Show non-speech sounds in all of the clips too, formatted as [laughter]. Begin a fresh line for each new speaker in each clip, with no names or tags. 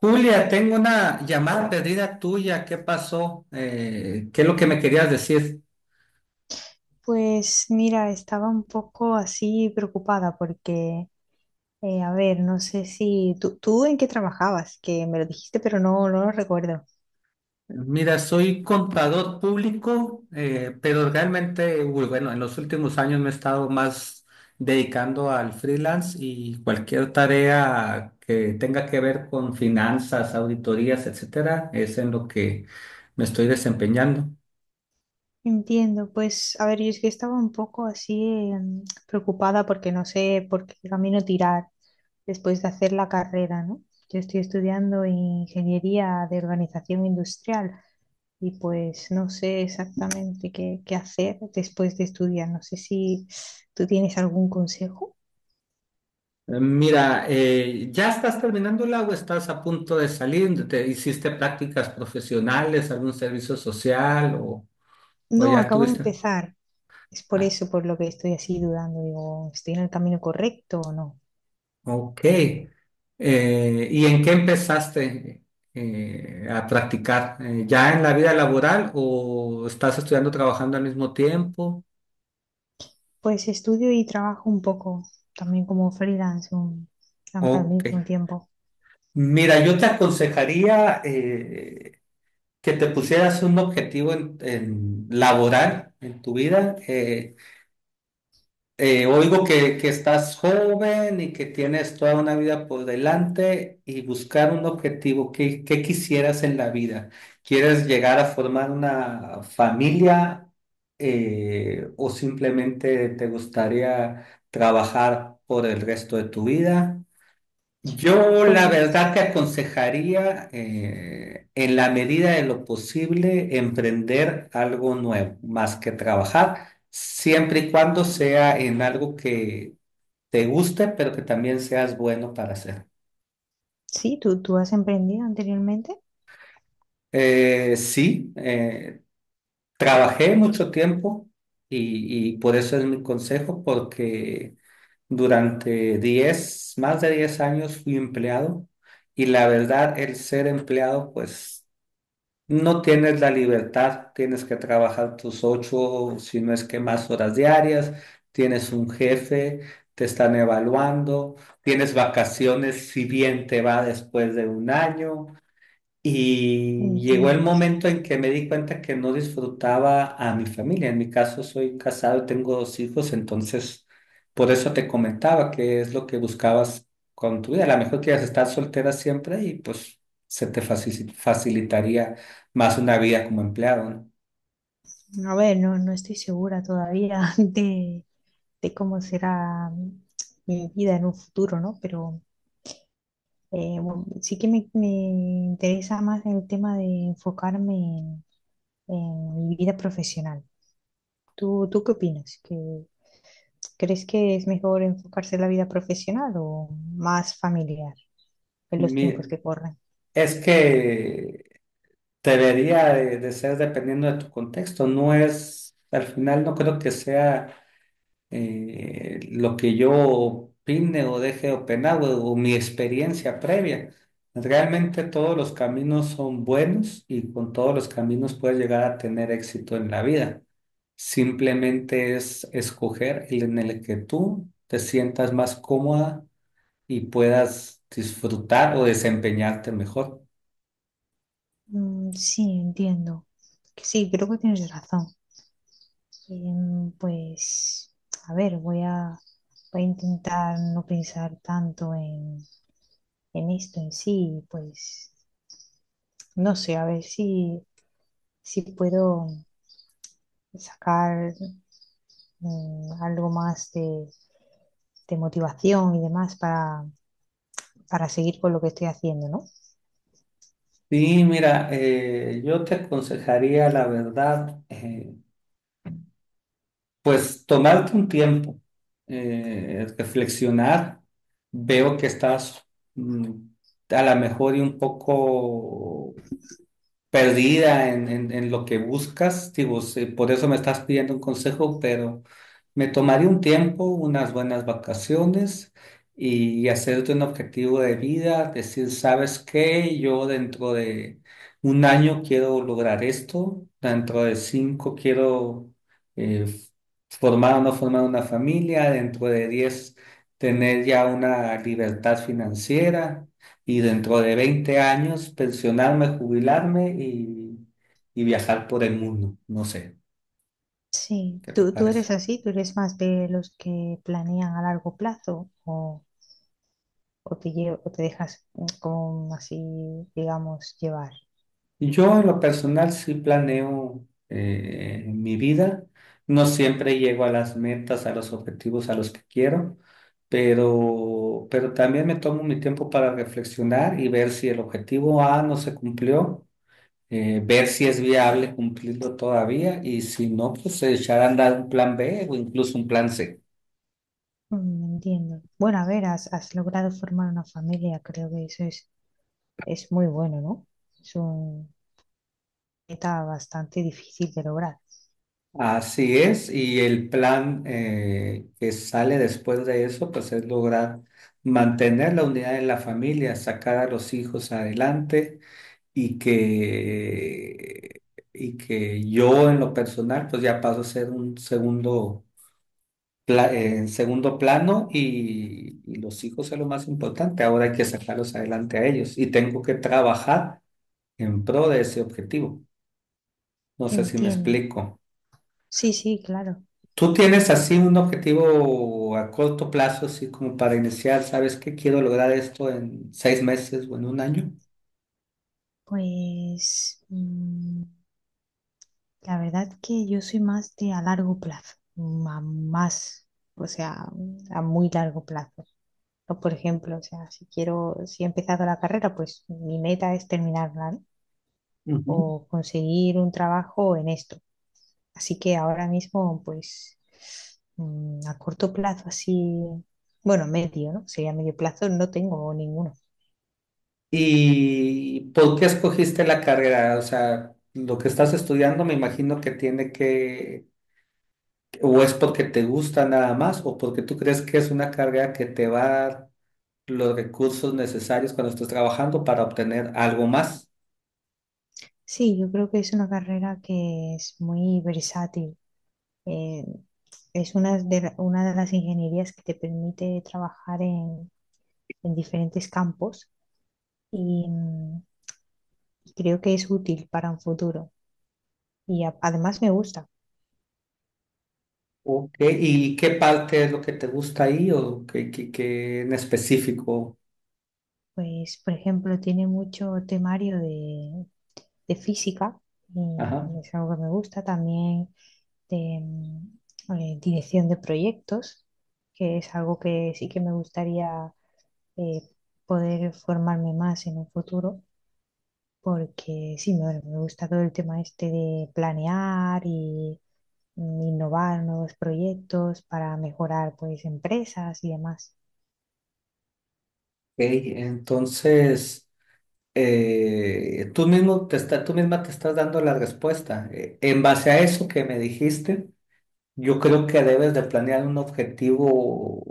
Julia, tengo una llamada perdida tuya. ¿Qué pasó? ¿Qué es lo que me querías decir?
Pues mira, estaba un poco así preocupada porque, a ver, no sé si tú en qué trabajabas, que me lo dijiste, pero no lo recuerdo.
Mira, soy contador público, pero realmente, uy, bueno, en los últimos años me he estado más dedicando al freelance y cualquier tarea que tenga que ver con finanzas, auditorías, etcétera, es en lo que me estoy desempeñando.
Entiendo, pues, a ver, yo es que estaba un poco así preocupada porque no sé por qué camino tirar después de hacer la carrera, ¿no? Yo estoy estudiando ingeniería de organización industrial y pues no sé exactamente qué hacer después de estudiar. No sé si tú tienes algún consejo.
Mira, ¿ya estás terminándola o estás a punto de salir? ¿Te hiciste prácticas profesionales, algún servicio social o
No,
ya
acabo de
tuviste?
empezar. Es por
Ah,
eso por lo que estoy así dudando. Digo, ¿estoy en el camino correcto o no?
ok. ¿Y en qué empezaste a practicar? ¿Ya en la vida laboral o estás estudiando, trabajando al mismo tiempo?
Pues estudio y trabajo un poco, también como freelance al
Ok.
mismo tiempo.
Mira, yo te aconsejaría que te pusieras un objetivo en laboral en tu vida. Oigo que estás joven y que tienes toda una vida por delante y buscar un objetivo. ¿Qué quisieras en la vida? ¿Quieres llegar a formar una familia o simplemente te gustaría trabajar por el resto de tu vida? Yo la
Pues
verdad te aconsejaría, en la medida de lo posible, emprender algo nuevo, más que trabajar, siempre y cuando sea en algo que te guste, pero que también seas bueno para hacer.
sí, tú has emprendido anteriormente.
Sí, trabajé mucho tiempo y por eso es mi consejo, porque durante 10, más de 10 años fui empleado y la verdad el ser empleado, pues no tienes la libertad, tienes que trabajar tus 8, si no es que más horas diarias, tienes un jefe, te están evaluando, tienes vacaciones si bien te va después de un año, y llegó el
Entiendo, sí.
momento en que me di cuenta que no disfrutaba a mi familia. En mi caso soy casado y tengo dos hijos, entonces por eso te comentaba que es lo que buscabas con tu vida. A lo mejor quieres estar soltera siempre y pues se te facilitaría más una vida como empleado, ¿no?
A ver, no estoy segura todavía [laughs] de cómo será mi vida en un futuro, ¿no? Pero bueno, sí que me interesa más el tema de enfocarme en mi vida profesional. ¿Tú qué opinas? Crees que es mejor enfocarse en la vida profesional o más familiar en los tiempos
Mi-
que corren?
es que debería de ser dependiendo de tu contexto. No es, al final no creo que sea lo que yo opine o deje de opinar o mi experiencia previa. Realmente todos los caminos son buenos y con todos los caminos puedes llegar a tener éxito en la vida. Simplemente es escoger el en el que tú te sientas más cómoda y puedas disfrutar o desempeñarte mejor.
Mm, sí, entiendo. Que sí, creo que tienes razón. Pues, a ver, voy a intentar no pensar tanto en esto en sí, pues, no sé, a ver si puedo sacar algo más de motivación y demás para seguir con lo que estoy haciendo, ¿no?
Sí, mira, yo te aconsejaría la verdad. Pues tomarte un tiempo, reflexionar, veo que estás mm, a lo mejor y un poco perdida en lo que buscas. Digo, sí, por eso me estás pidiendo un consejo, pero me tomaré un tiempo, unas buenas vacaciones y hacerte un objetivo de vida, decir, ¿sabes qué? Yo dentro de un año quiero lograr esto, dentro de cinco quiero eh, formar o no formar una familia, dentro de 10 tener ya una libertad financiera y dentro de 20 años pensionarme, jubilarme y viajar por el mundo. No sé,
Sí,
¿qué te
¿tú
parece?
eres así? ¿Tú eres más de los que planean a largo plazo o te, o te dejas como así, digamos, llevar?
Yo en lo personal sí planeo mi vida. No siempre llego a las metas, a los objetivos a los que quiero, pero también me tomo mi tiempo para reflexionar y ver si el objetivo A no se cumplió, ver si es viable cumplirlo todavía y si no, pues echar a andar un plan B o incluso un plan C.
Mm, entiendo. Bueno, a ver, has logrado formar una familia, creo que eso es muy bueno, ¿no? Es una meta bastante difícil de lograr.
Así es, y el plan que sale después de eso, pues es lograr mantener la unidad en la familia, sacar a los hijos adelante y que, y que yo en lo personal, pues ya paso a ser un segundo, en segundo plano y los hijos es lo más importante. Ahora hay que sacarlos adelante a ellos y tengo que trabajar en pro de ese objetivo. No sé si me
Entiendo.
explico.
Sí, sí, claro.
¿Tú tienes así un objetivo a corto plazo, así como para iniciar, sabes que quiero lograr esto en 6 meses o en un año?
Pues... la verdad que yo soy más de a largo plazo, más, o sea, a muy largo plazo. O, por ejemplo, o sea, si quiero, si he empezado la carrera, pues mi meta es terminarla, ¿no?
Ujú.
O conseguir un trabajo en esto. Así que ahora mismo, pues, a corto plazo, así, bueno, medio, ¿no? Sería medio plazo, no tengo ninguno.
¿Y por qué escogiste la carrera? O sea, lo que estás estudiando me imagino que tiene que, o es porque te gusta nada más, o porque tú crees que es una carrera que te va a dar los recursos necesarios cuando estés trabajando para obtener algo más.
Sí, yo creo que es una carrera que es muy versátil. Eh, Es una de las ingenierías que te permite trabajar en diferentes campos y, y creo que es útil para un futuro. Y además me gusta.
Ok. ¿Y qué parte es lo que te gusta ahí o qué en específico?
Pues, por ejemplo, tiene mucho temario de física y es algo que me gusta. También de dirección de proyectos, que es algo que sí que me gustaría eh, poder formarme más en un futuro. Porque sí, me, bueno, me gusta todo el tema este de planear y innovar nuevos proyectos para mejorar pues empresas y demás.
Ok, entonces tú misma te estás dando la respuesta. En base a eso que me dijiste, yo creo que debes de planear un objetivo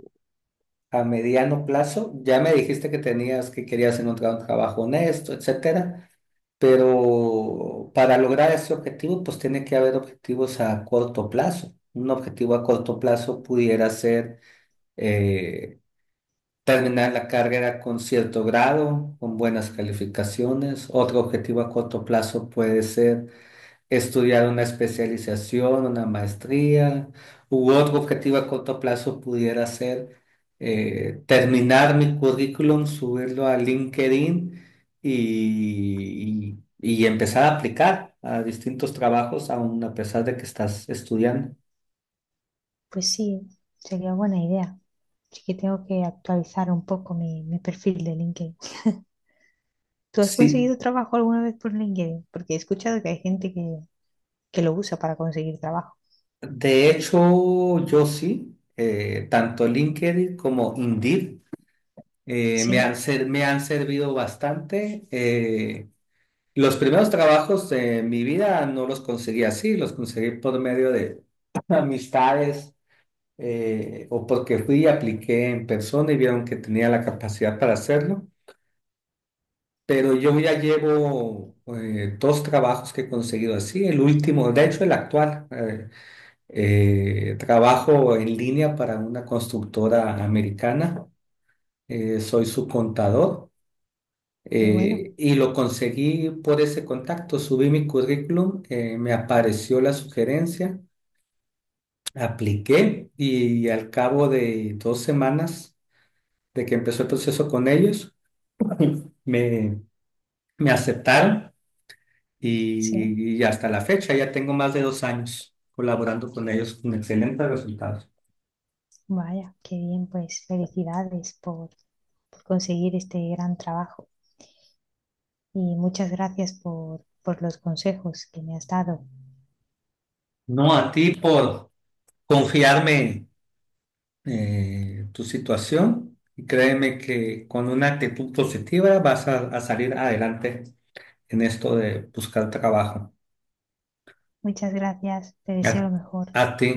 a mediano plazo. Ya me dijiste que tenías que querías encontrar un trabajo honesto, etcétera, pero para lograr ese objetivo, pues tiene que haber objetivos a corto plazo. Un objetivo a corto plazo pudiera ser eh, terminar la carrera con cierto grado, con buenas calificaciones. Otro objetivo a corto plazo puede ser estudiar una especialización, una maestría, u otro objetivo a corto plazo pudiera ser terminar mi currículum, subirlo a LinkedIn y empezar a aplicar a distintos trabajos, aun a pesar de que estás estudiando.
Pues sí, sería buena idea. Así que tengo que actualizar un poco mi, mi perfil de LinkedIn. ¿Tú has
Sí.
conseguido trabajo alguna vez por LinkedIn? Porque he escuchado que hay gente que lo usa para conseguir trabajo.
De hecho, yo sí, tanto LinkedIn como Indeed
Sí,
me han servido bastante. Los primeros trabajos de mi vida no los conseguí así, los conseguí por medio de [clears throat] [laughs] amistades o porque fui y apliqué en persona y vieron que tenía la capacidad para hacerlo. Pero yo ya llevo dos trabajos que he conseguido así, el último, de hecho el actual. Trabajo en línea para una constructora americana. Soy su contador
qué bueno.
y lo conseguí por ese contacto. Subí mi currículum, me apareció la sugerencia, apliqué y al cabo de 2 semanas de que empezó el proceso con ellos, me, me aceptaron
Sí,
y hasta la fecha ya tengo más de 2 años colaborando con ellos con excelentes resultados.
vaya, qué bien, pues felicidades por conseguir este gran trabajo. Y muchas gracias por los consejos que me has dado.
No a ti por confiarme tu situación y créeme que con una actitud positiva vas a salir adelante en esto de buscar trabajo.
Muchas gracias, te
A,
deseo lo mejor.
a ti.